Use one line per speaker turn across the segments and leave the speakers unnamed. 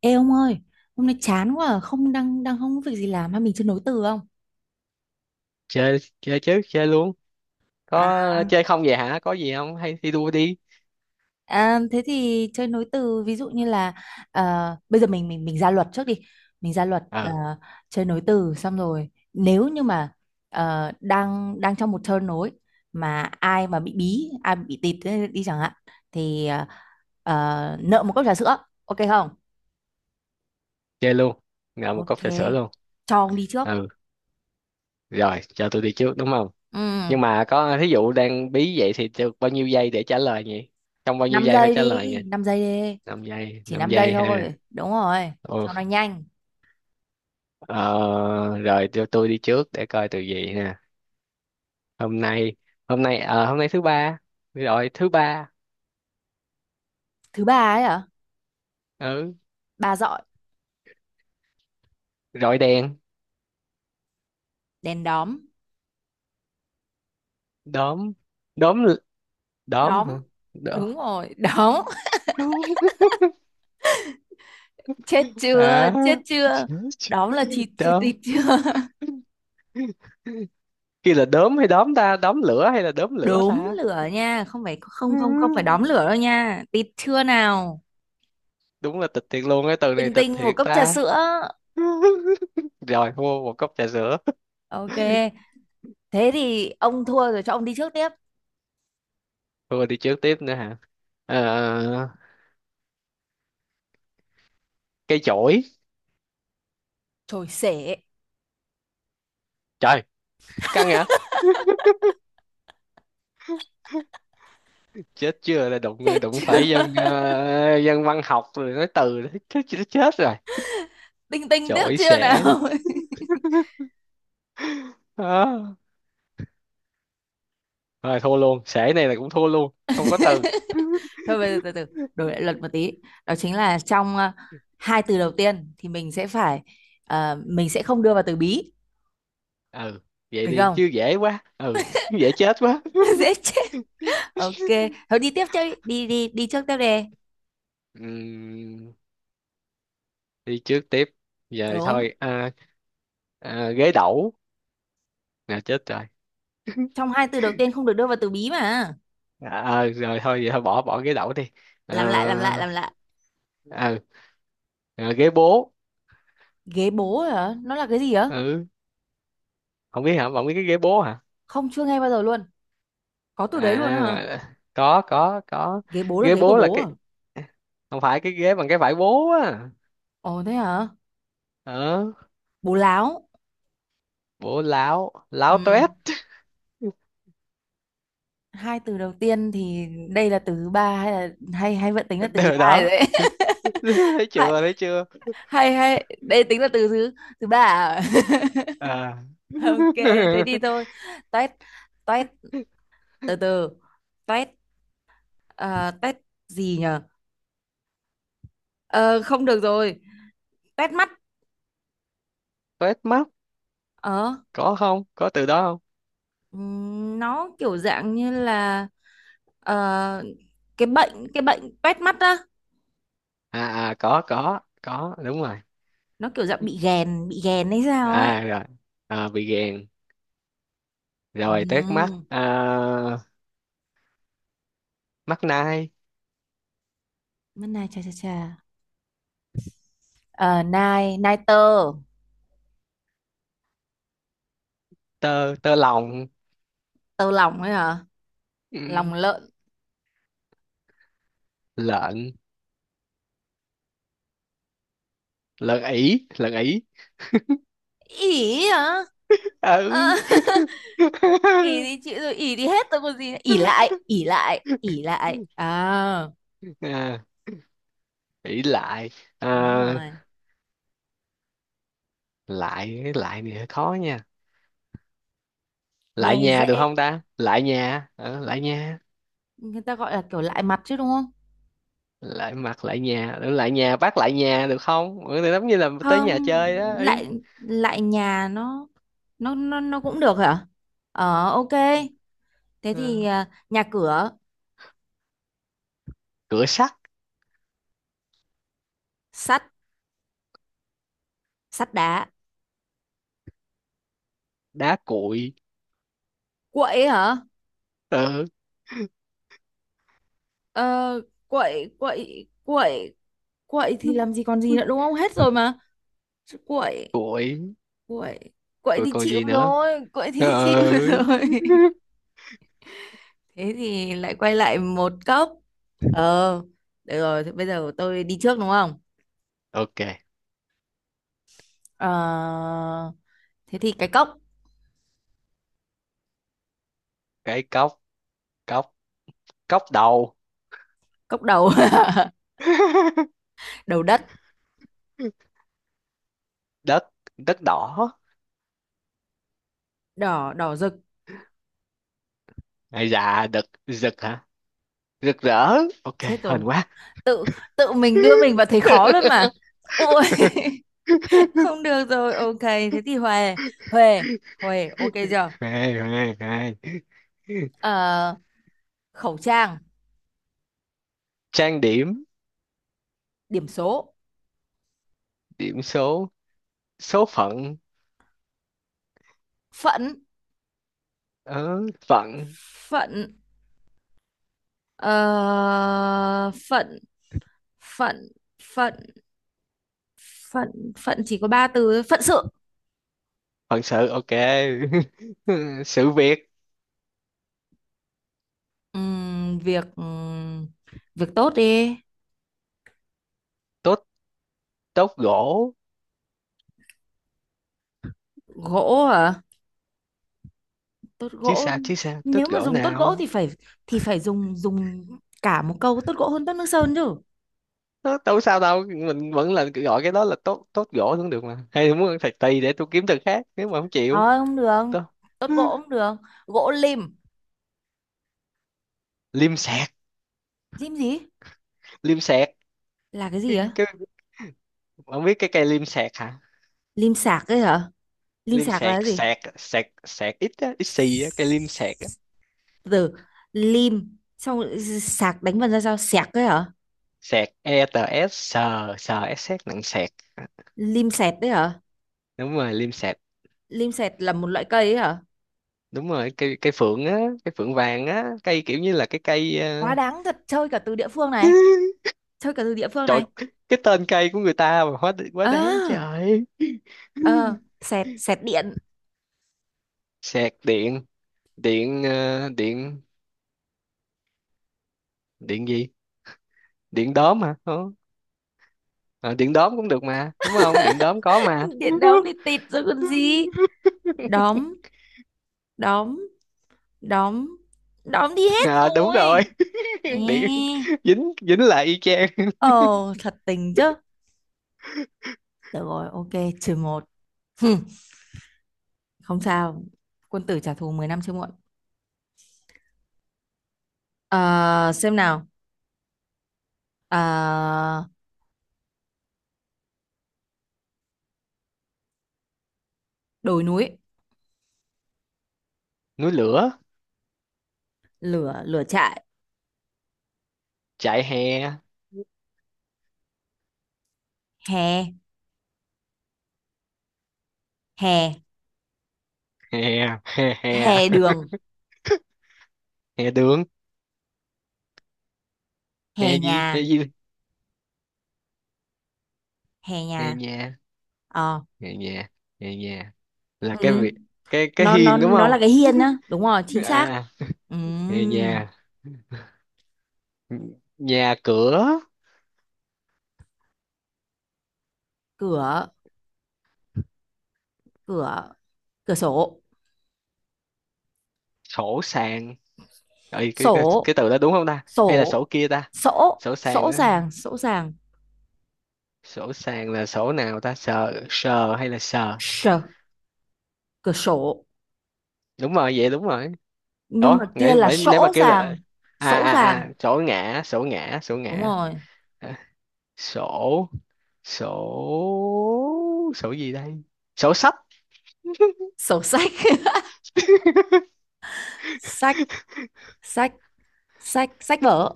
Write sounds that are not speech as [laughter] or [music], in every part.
Ê ông ơi, hôm nay chán quá, à, không đang đang không có việc gì làm hay mình chơi nối từ không?
Chơi chơi chứ, chơi luôn.
À,
Có chơi không vậy hả? Có gì không, hay thi đua đi.
thế thì chơi nối từ ví dụ như là ờ, bây giờ mình ra luật trước đi. Mình ra luật,
Ừ,
chơi nối từ xong rồi, nếu như mà đang đang trong một turn nối mà ai mà bị bí, ai bị tịt thế đi chẳng hạn thì nợ một cốc trà sữa, ok không?
chơi luôn. Ngậm một cốc
Ok.
trà sữa luôn.
Cho ông đi trước.
Ừ, rồi cho tôi đi trước đúng không?
Ừ,
Nhưng mà có thí dụ đang bí vậy thì được bao nhiêu giây để trả lời nhỉ? Trong bao nhiêu
5
giây phải
giây
trả
đi,
lời nhỉ?
5 giây đi.
5 giây,
Chỉ
5
5 giây
giây ha.
thôi, đúng rồi,
Ồ,
cho nó nhanh.
ờ, rồi cho tôi đi trước để coi từ gì nè. Hôm nay hôm nay ờ, hôm nay thứ ba. Rồi, thứ ba.
Thứ ba ấy hả?
Ừ,
Ba dọi.
rồi đèn.
Đèn đóm.
Đóm, đóm, đóm hả?
Đóm.
Đóm.
Đúng rồi, đóm.
[laughs]
[laughs] Chết chưa,
À.
chết chưa. Đóm là chịt
[laughs]
chưa,
Đốm,
tịt chưa. [laughs]
kia là đốm hay đóm ta, đóm lửa hay là đốm lửa
Đốm
ta? [laughs]
lửa nha, không phải,
Ừ,
không không, không phải đóm lửa đâu nha, tịt chưa nào.
đúng là tịch thiệt luôn, cái từ này
Tinh
tịch
tinh một
thiệt
cốc trà
ta.
sữa.
[laughs] Rồi mua một cốc trà sữa. [laughs]
Ok, thế thì ông thua rồi, cho ông đi trước tiếp.
Thôi đi trước tiếp nữa hả? Ờ, cây chổi.
Trồi sể.
Trời, căng hả? Chết chưa là đụng
Chết
đụng
chưa.
phải dân dân văn học rồi nói từ đấy. [laughs] Chết chết chết rồi.
[laughs] Tinh tinh tiếp
Chổi
chưa
xể.
nào.
Đó. Rồi thua luôn, xể này là cũng thua luôn, không có
[laughs]
từ.
Thôi bây giờ
[laughs]
từ từ đổi lại luật một tí. Đó chính là trong, hai từ đầu tiên thì mình sẽ phải, mình sẽ không đưa vào từ bí.
Ừ, vậy
Được
đi
không?
chứ, dễ quá. Ừ, dễ chết quá.
[laughs]
[laughs]
Dễ chết. Ok, thôi đi tiếp, chơi đi, đi đi trước tiếp đề.
Ừm, đi trước tiếp giờ
Đúng,
thôi, à, à, ghế đẩu, nè chết rồi.
trong hai từ đầu tiên không được đưa vào từ bí mà.
À, à, rồi thôi vậy, thôi bỏ bỏ ghế đẩu đi.
Làm lại, làm lại,
À,
làm lại.
à, à, ghế bố.
Ghế bố hả, nó là cái gì á?
Ừ, không biết hả? Không biết cái ghế bố hả?
Không, chưa nghe bao giờ luôn. Có từ đấy luôn á hả?
À, có có.
Ghế bố là
Ghế
ghế của
bố là
bố à?
cái, không phải cái ghế bằng cái vải bố á.
Ồ thế hả.
Ờ,
Bố láo.
bố láo, láo
Ừ.
toét.
Hai từ đầu tiên thì đây là từ thứ ba hay là hay hay vẫn tính là từ thứ
[laughs]
hai rồi
Đó,
đấy.
thấy
[laughs] Hay
chưa, thấy chưa?
hay hay, đây tính là từ thứ, thứ ba à?
À.
[laughs] Ok.
[laughs]
Thế thì thôi. Toét. Toét. Từ từ. Toét. Ờ, toét gì nhở? Ờ, không được rồi. Toét mắt.
Toét mắt,
Ờ.
có không, có từ đó không?
Ừm, nó kiểu dạng như là, ờ, cái bệnh, cái bệnh toét mắt á.
À, à, có, đúng rồi.
Nó kiểu dạng bị ghèn, bị ghèn hay sao ấy.
À, rồi. À, bị gèn. Rồi tét mắt
Ừm,
à, mắt nai.
mắt này, chà chà chà. Ờ, nai, nai tơ.
Tơ tơ lòng.
Tơ lòng ấy hả.
Ừ,
Lòng lợn.
lợn. Lợn ỉ, lợn ỉ.
Ỉ hả? Ờ.
Ừ.
[laughs] Ỉ thì chịu rồi, ỉ thì hết tôi còn gì nữa. Ỉ lại, ỉ lại, ỉ lại à?
[laughs] À, ỉ lại. À,
Đúng rồi.
lại, cái lại này hơi khó nha.
Nghe
Lại nhà được
dễ.
không ta? Lại nhà. Ờ, lại nhà.
Người ta gọi là kiểu lại mặt chứ đúng không?
Lại mặt, lại nhà, lại nhà bác, lại nhà được không? Ừ, thì giống như là tới nhà
Không,
chơi đó ý.
lại, lại nhà nó, nó cũng được hả? Ờ ok, thế thì,
Ừ.
à, nhà cửa.
Cửa sắt.
Sắt. Sắt đá.
Đá cuội.
Quậy hả?
Ừ.
Ờ. Quậy, quậy, quậy. Quậy thì làm gì còn gì nữa, đúng không, hết rồi mà. Chứ quậy.
Cuội,
Quậy. Quậy
cuội
thì
còn
chịu
gì nữa.
rồi, quậy thì [laughs] chịu
Ừ.
rồi. Thế thì lại quay lại một cốc. Ờ, được rồi, thế bây giờ tôi đi trước đúng không?
Ok,
Ờ, thế thì cái cốc.
cái cốc. Cốc. Cốc đầu.
Cốc đầu. [laughs] Đầu đất.
Đất. Đất đỏ.
Đỏ, đỏ rực.
Ai dạ, đực rực hả? Rực rỡ. Ok,
Chết rồi.
hên quá.
Tự, tự mình đưa mình vào thấy
[laughs]
khó luôn mà. Ôi. [laughs] Không được rồi, ok thế thì huề. Huề. Huề ok chưa?
Hay hay hay.
Ờ. Khẩu trang.
Trang điểm.
Điểm số.
Điểm số. Số phận.
Phận.
Ờ, phận,
Phận. Ờ, phận. Phận. Phận. Phận. Phận chỉ có ba từ thôi. Phận sự.
phận sự. Ok. [laughs] Sự việc.
Việc, việc tốt đi.
Tốt, tốt gỗ.
Gỗ hả? Tốt
Chứ
gỗ.
sao, chứ sao tốt
Nếu mà
gỗ
dùng tốt gỗ
nào?
thì phải, thì phải dùng dùng cả một câu tốt gỗ hơn tốt nước sơn chứ.
Ờ, đâu sao đâu, mình vẫn là gọi cái đó là tốt, tốt gỗ cũng được mà, hay muốn ăn thạch tỳ để tôi kiếm từ khác nếu mà không chịu.
Thôi không được.
Tôi. [gasps]
Tốt
[laughs]
gỗ không được. Gỗ lim.
Liêm sẹt,
Lim gì
liêm sẹt.
là cái gì
cái,
á?
cái, không biết cái cây liêm sẹt hả?
Lim sạc ấy hả? Lim
Liêm
sạc là
sẹt,
cái gì?
sẹt sẹt sẹt, ít á, ít xì á, cây liêm sẹt á.
Từ lim xong rồi sạc, đánh vần ra sao, sạc ấy hả?
Sẹt e t, s sờ s, s nặng sẹt.
Lim sẹt đấy hả?
Đúng rồi, liêm sẹt,
Lim sẹt là một loại cây ấy hả?
đúng rồi, cây cây phượng á. Cây phượng vàng á, cây kiểu như là cái cây.
Quá
Ờ,
đáng thật, chơi cả từ địa phương này,
[laughs]
chơi cả từ địa phương
Trời,
này.
cái tên cây của người ta mà hóa quá đáng
À,
trời. [laughs]
ờ, sẹt, sẹt điện.
Sạc điện. Điện, điện, điện gì, điện đóm hả? Ờ, ờ, điện đóm cũng được mà đúng không, điện đóm có mà.
Điện đóm đi tịt rồi còn gì?
[laughs]
Đóm, đóm, đóm, đóm đi hết
À, đúng
rồi.
rồi.
Ê.
[laughs] Điện. Dính, dính lại y chang.
Ờ, thật tình chứ. Được rồi, ok, trừ một. Hừ. Không sao, quân tử trả thù 10 năm chưa muộn. Ờ, xem nào. Ờ, đồi núi.
Núi lửa,
Lửa, lửa trại.
chạy hè.
Hè, hè,
Hè, hè, hè,
hè đường.
hè đường.
Hè
Hè gì,
nhà.
hè gì,
Hè
hè
nhà.
nhà.
Ờ.
Nghe nhà, nghe nhà là cái
Ừ.
việc, cái
nó nó
hiên đúng
nó
không?
là cái hiên á, đúng rồi, chính xác.
À,
Ừ.
nghe nhà, nhà cửa,
Cửa. Cửa. Cửa sổ.
sổ sàn. Ê, cái, cái
Sổ.
cái từ đó đúng không ta, hay là
Sổ.
sổ kia ta?
Sổ.
Sổ sàn
Sổ.
đó,
sàng. Sổ sàng.
sổ sàn là sổ nào ta, sờ sờ hay là sờ?
Sờ. Cửa sổ.
Đúng rồi vậy, đúng rồi.
Nhưng mà
Đó
kia
nãy
là
vậy,
sổ,
nếu mà
sổ
kêu là
sàng, sổ sàng.
sổ ngã, sổ ngã, sổ
Đúng
ngã.
rồi.
À, sổ sổ, sổ gì đây, sổ sách.
Sổ sách. [laughs] Sách. Sách. Sách, sách vở.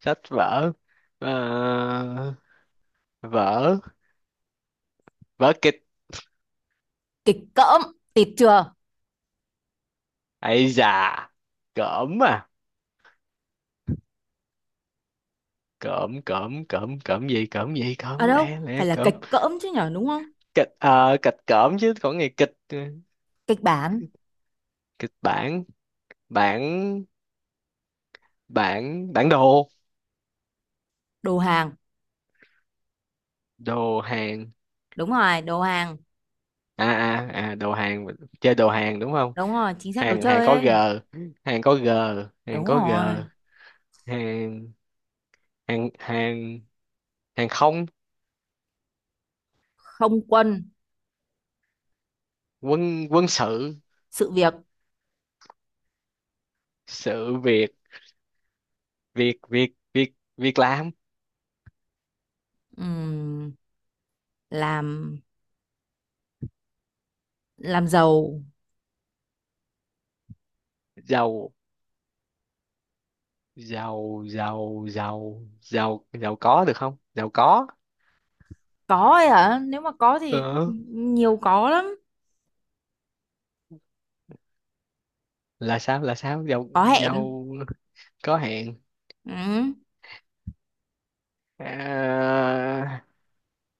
Sách vở. Ờ, vở, vớ kịch.
Kịch cỡm. Tịt chưa.
Ấy già, cỡm à, cỡm cỡm cỡm, cỡm gì, cỡm gì,
À
cỡm
đâu
lẽ, lẽ
phải là kịch
cỡm.
cỡm chứ nhở, đúng không?
Kịch, kịch cỡm chứ, còn ngày kịch, ừ.
Kịch bản.
Kịch bản. Bản, bản, bản đồ.
Đồ hàng.
Đồ hàng,
Đúng rồi, đồ hàng.
đồ hàng, chơi đồ hàng đúng không?
Đúng rồi chính xác, đồ
Hàng, hàng
chơi
có g,
ấy.
hàng có g, hàng
Đúng
có g,
rồi.
hàng, hàng, hàng, hàng không.
Không quân.
Quân, quân sự,
Sự việc.
sự việc. Việc, việc, việc, việc làm,
Ừm, làm. Làm giàu.
giàu. Giàu, giàu, giàu, giàu, giàu có được không, giàu có.
Có ấy hả? Nếu mà có thì
ờ,
nhiều, có lắm.
là sao, là sao? Giàu,
Có hẹn.
giàu có hẹn.
Ừ.
À,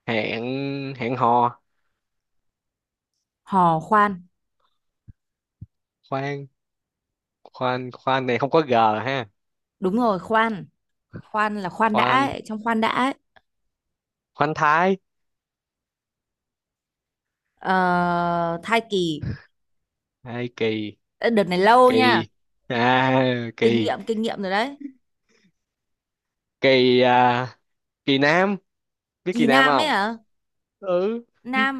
hẹn, hẹn hò,
Hò khoan.
khoan. Khoan, khoan này không có g ha.
Đúng rồi, khoan. Khoan là khoan đã
Khoan,
ấy, trong khoan đã ấy.
khoan thái.
Ờ, thai kỳ.
Hay kỳ,
Ê, đợt này lâu nha.
kỳ à,
Kinh
kỳ.
nghiệm, kinh nghiệm rồi đấy.
Kỳ à, kỳ nam, biết kỳ
Kỳ
nam
nam ấy
không?
hả?
Ừ,
Nam.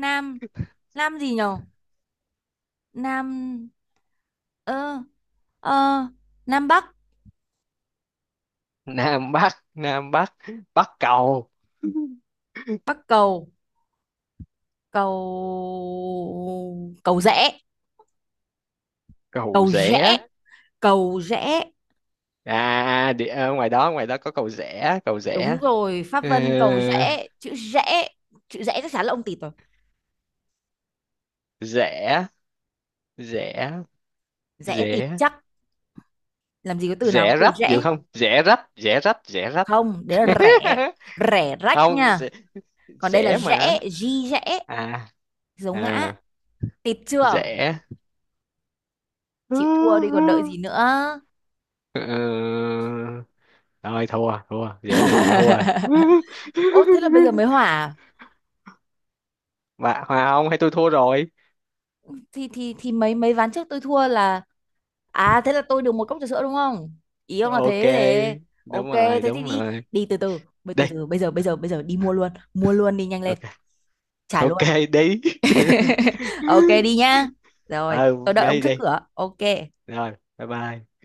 Nam. Nam gì nhở? Nam. Ơ. Ờ, Nam Bắc.
nam bắc, nam bắc, bắc cầu,
Bắc cầu. Cầu, cầu rẽ.
cầu
Cầu rẽ.
rẽ.
Cầu rẽ.
À, à, đi ngoài đó, ngoài đó có cầu rẽ, cầu rẽ.
Đúng rồi, Pháp
Ờ,
Vân cầu rẽ, chữ rẽ. Chữ rẽ, chắc chắn là ông tịt rồi.
rẽ, rẽ,
Rẽ, tịt
rẽ.
chắc. Làm gì có từ nào có
Rẽ
từ
rách được
rẽ.
không, rẽ rách, rẽ rách, rẽ rách.
Không, đấy là rẻ.
[laughs]
Rẻ rách
Không,
nha.
rẽ.
Còn đây là
Rẽ mà,
rẽ, di rẽ,
à,
dấu ngã.
à,
Tịt chưa?
rẽ.
Chịu thua đi còn đợi gì nữa.
Ờ, thôi, thua, thua rẽ này là thua rồi.
[laughs] Ô thế là bây giờ mới hỏa
[laughs]
à?
Bà Hòa, không hay tôi thua rồi?
Thì mấy mấy ván trước tôi thua là, à thế là tôi được một cốc trà sữa đúng không, ý ông là
Ok,
thế để.
đúng
Ok
rồi,
thế thì
đúng
đi.
rồi.
Đi
Đi.
từ từ bây giờ bây giờ bây giờ đi mua luôn, mua luôn, đi nhanh lên.
Ok,
Trả luôn.
ok. Đi.
[laughs] Ok
[laughs]
đi nhá. Rồi
Ừ,
tôi đợi ông
đi
trước
đi.
cửa, ok.
Rồi, bye bye.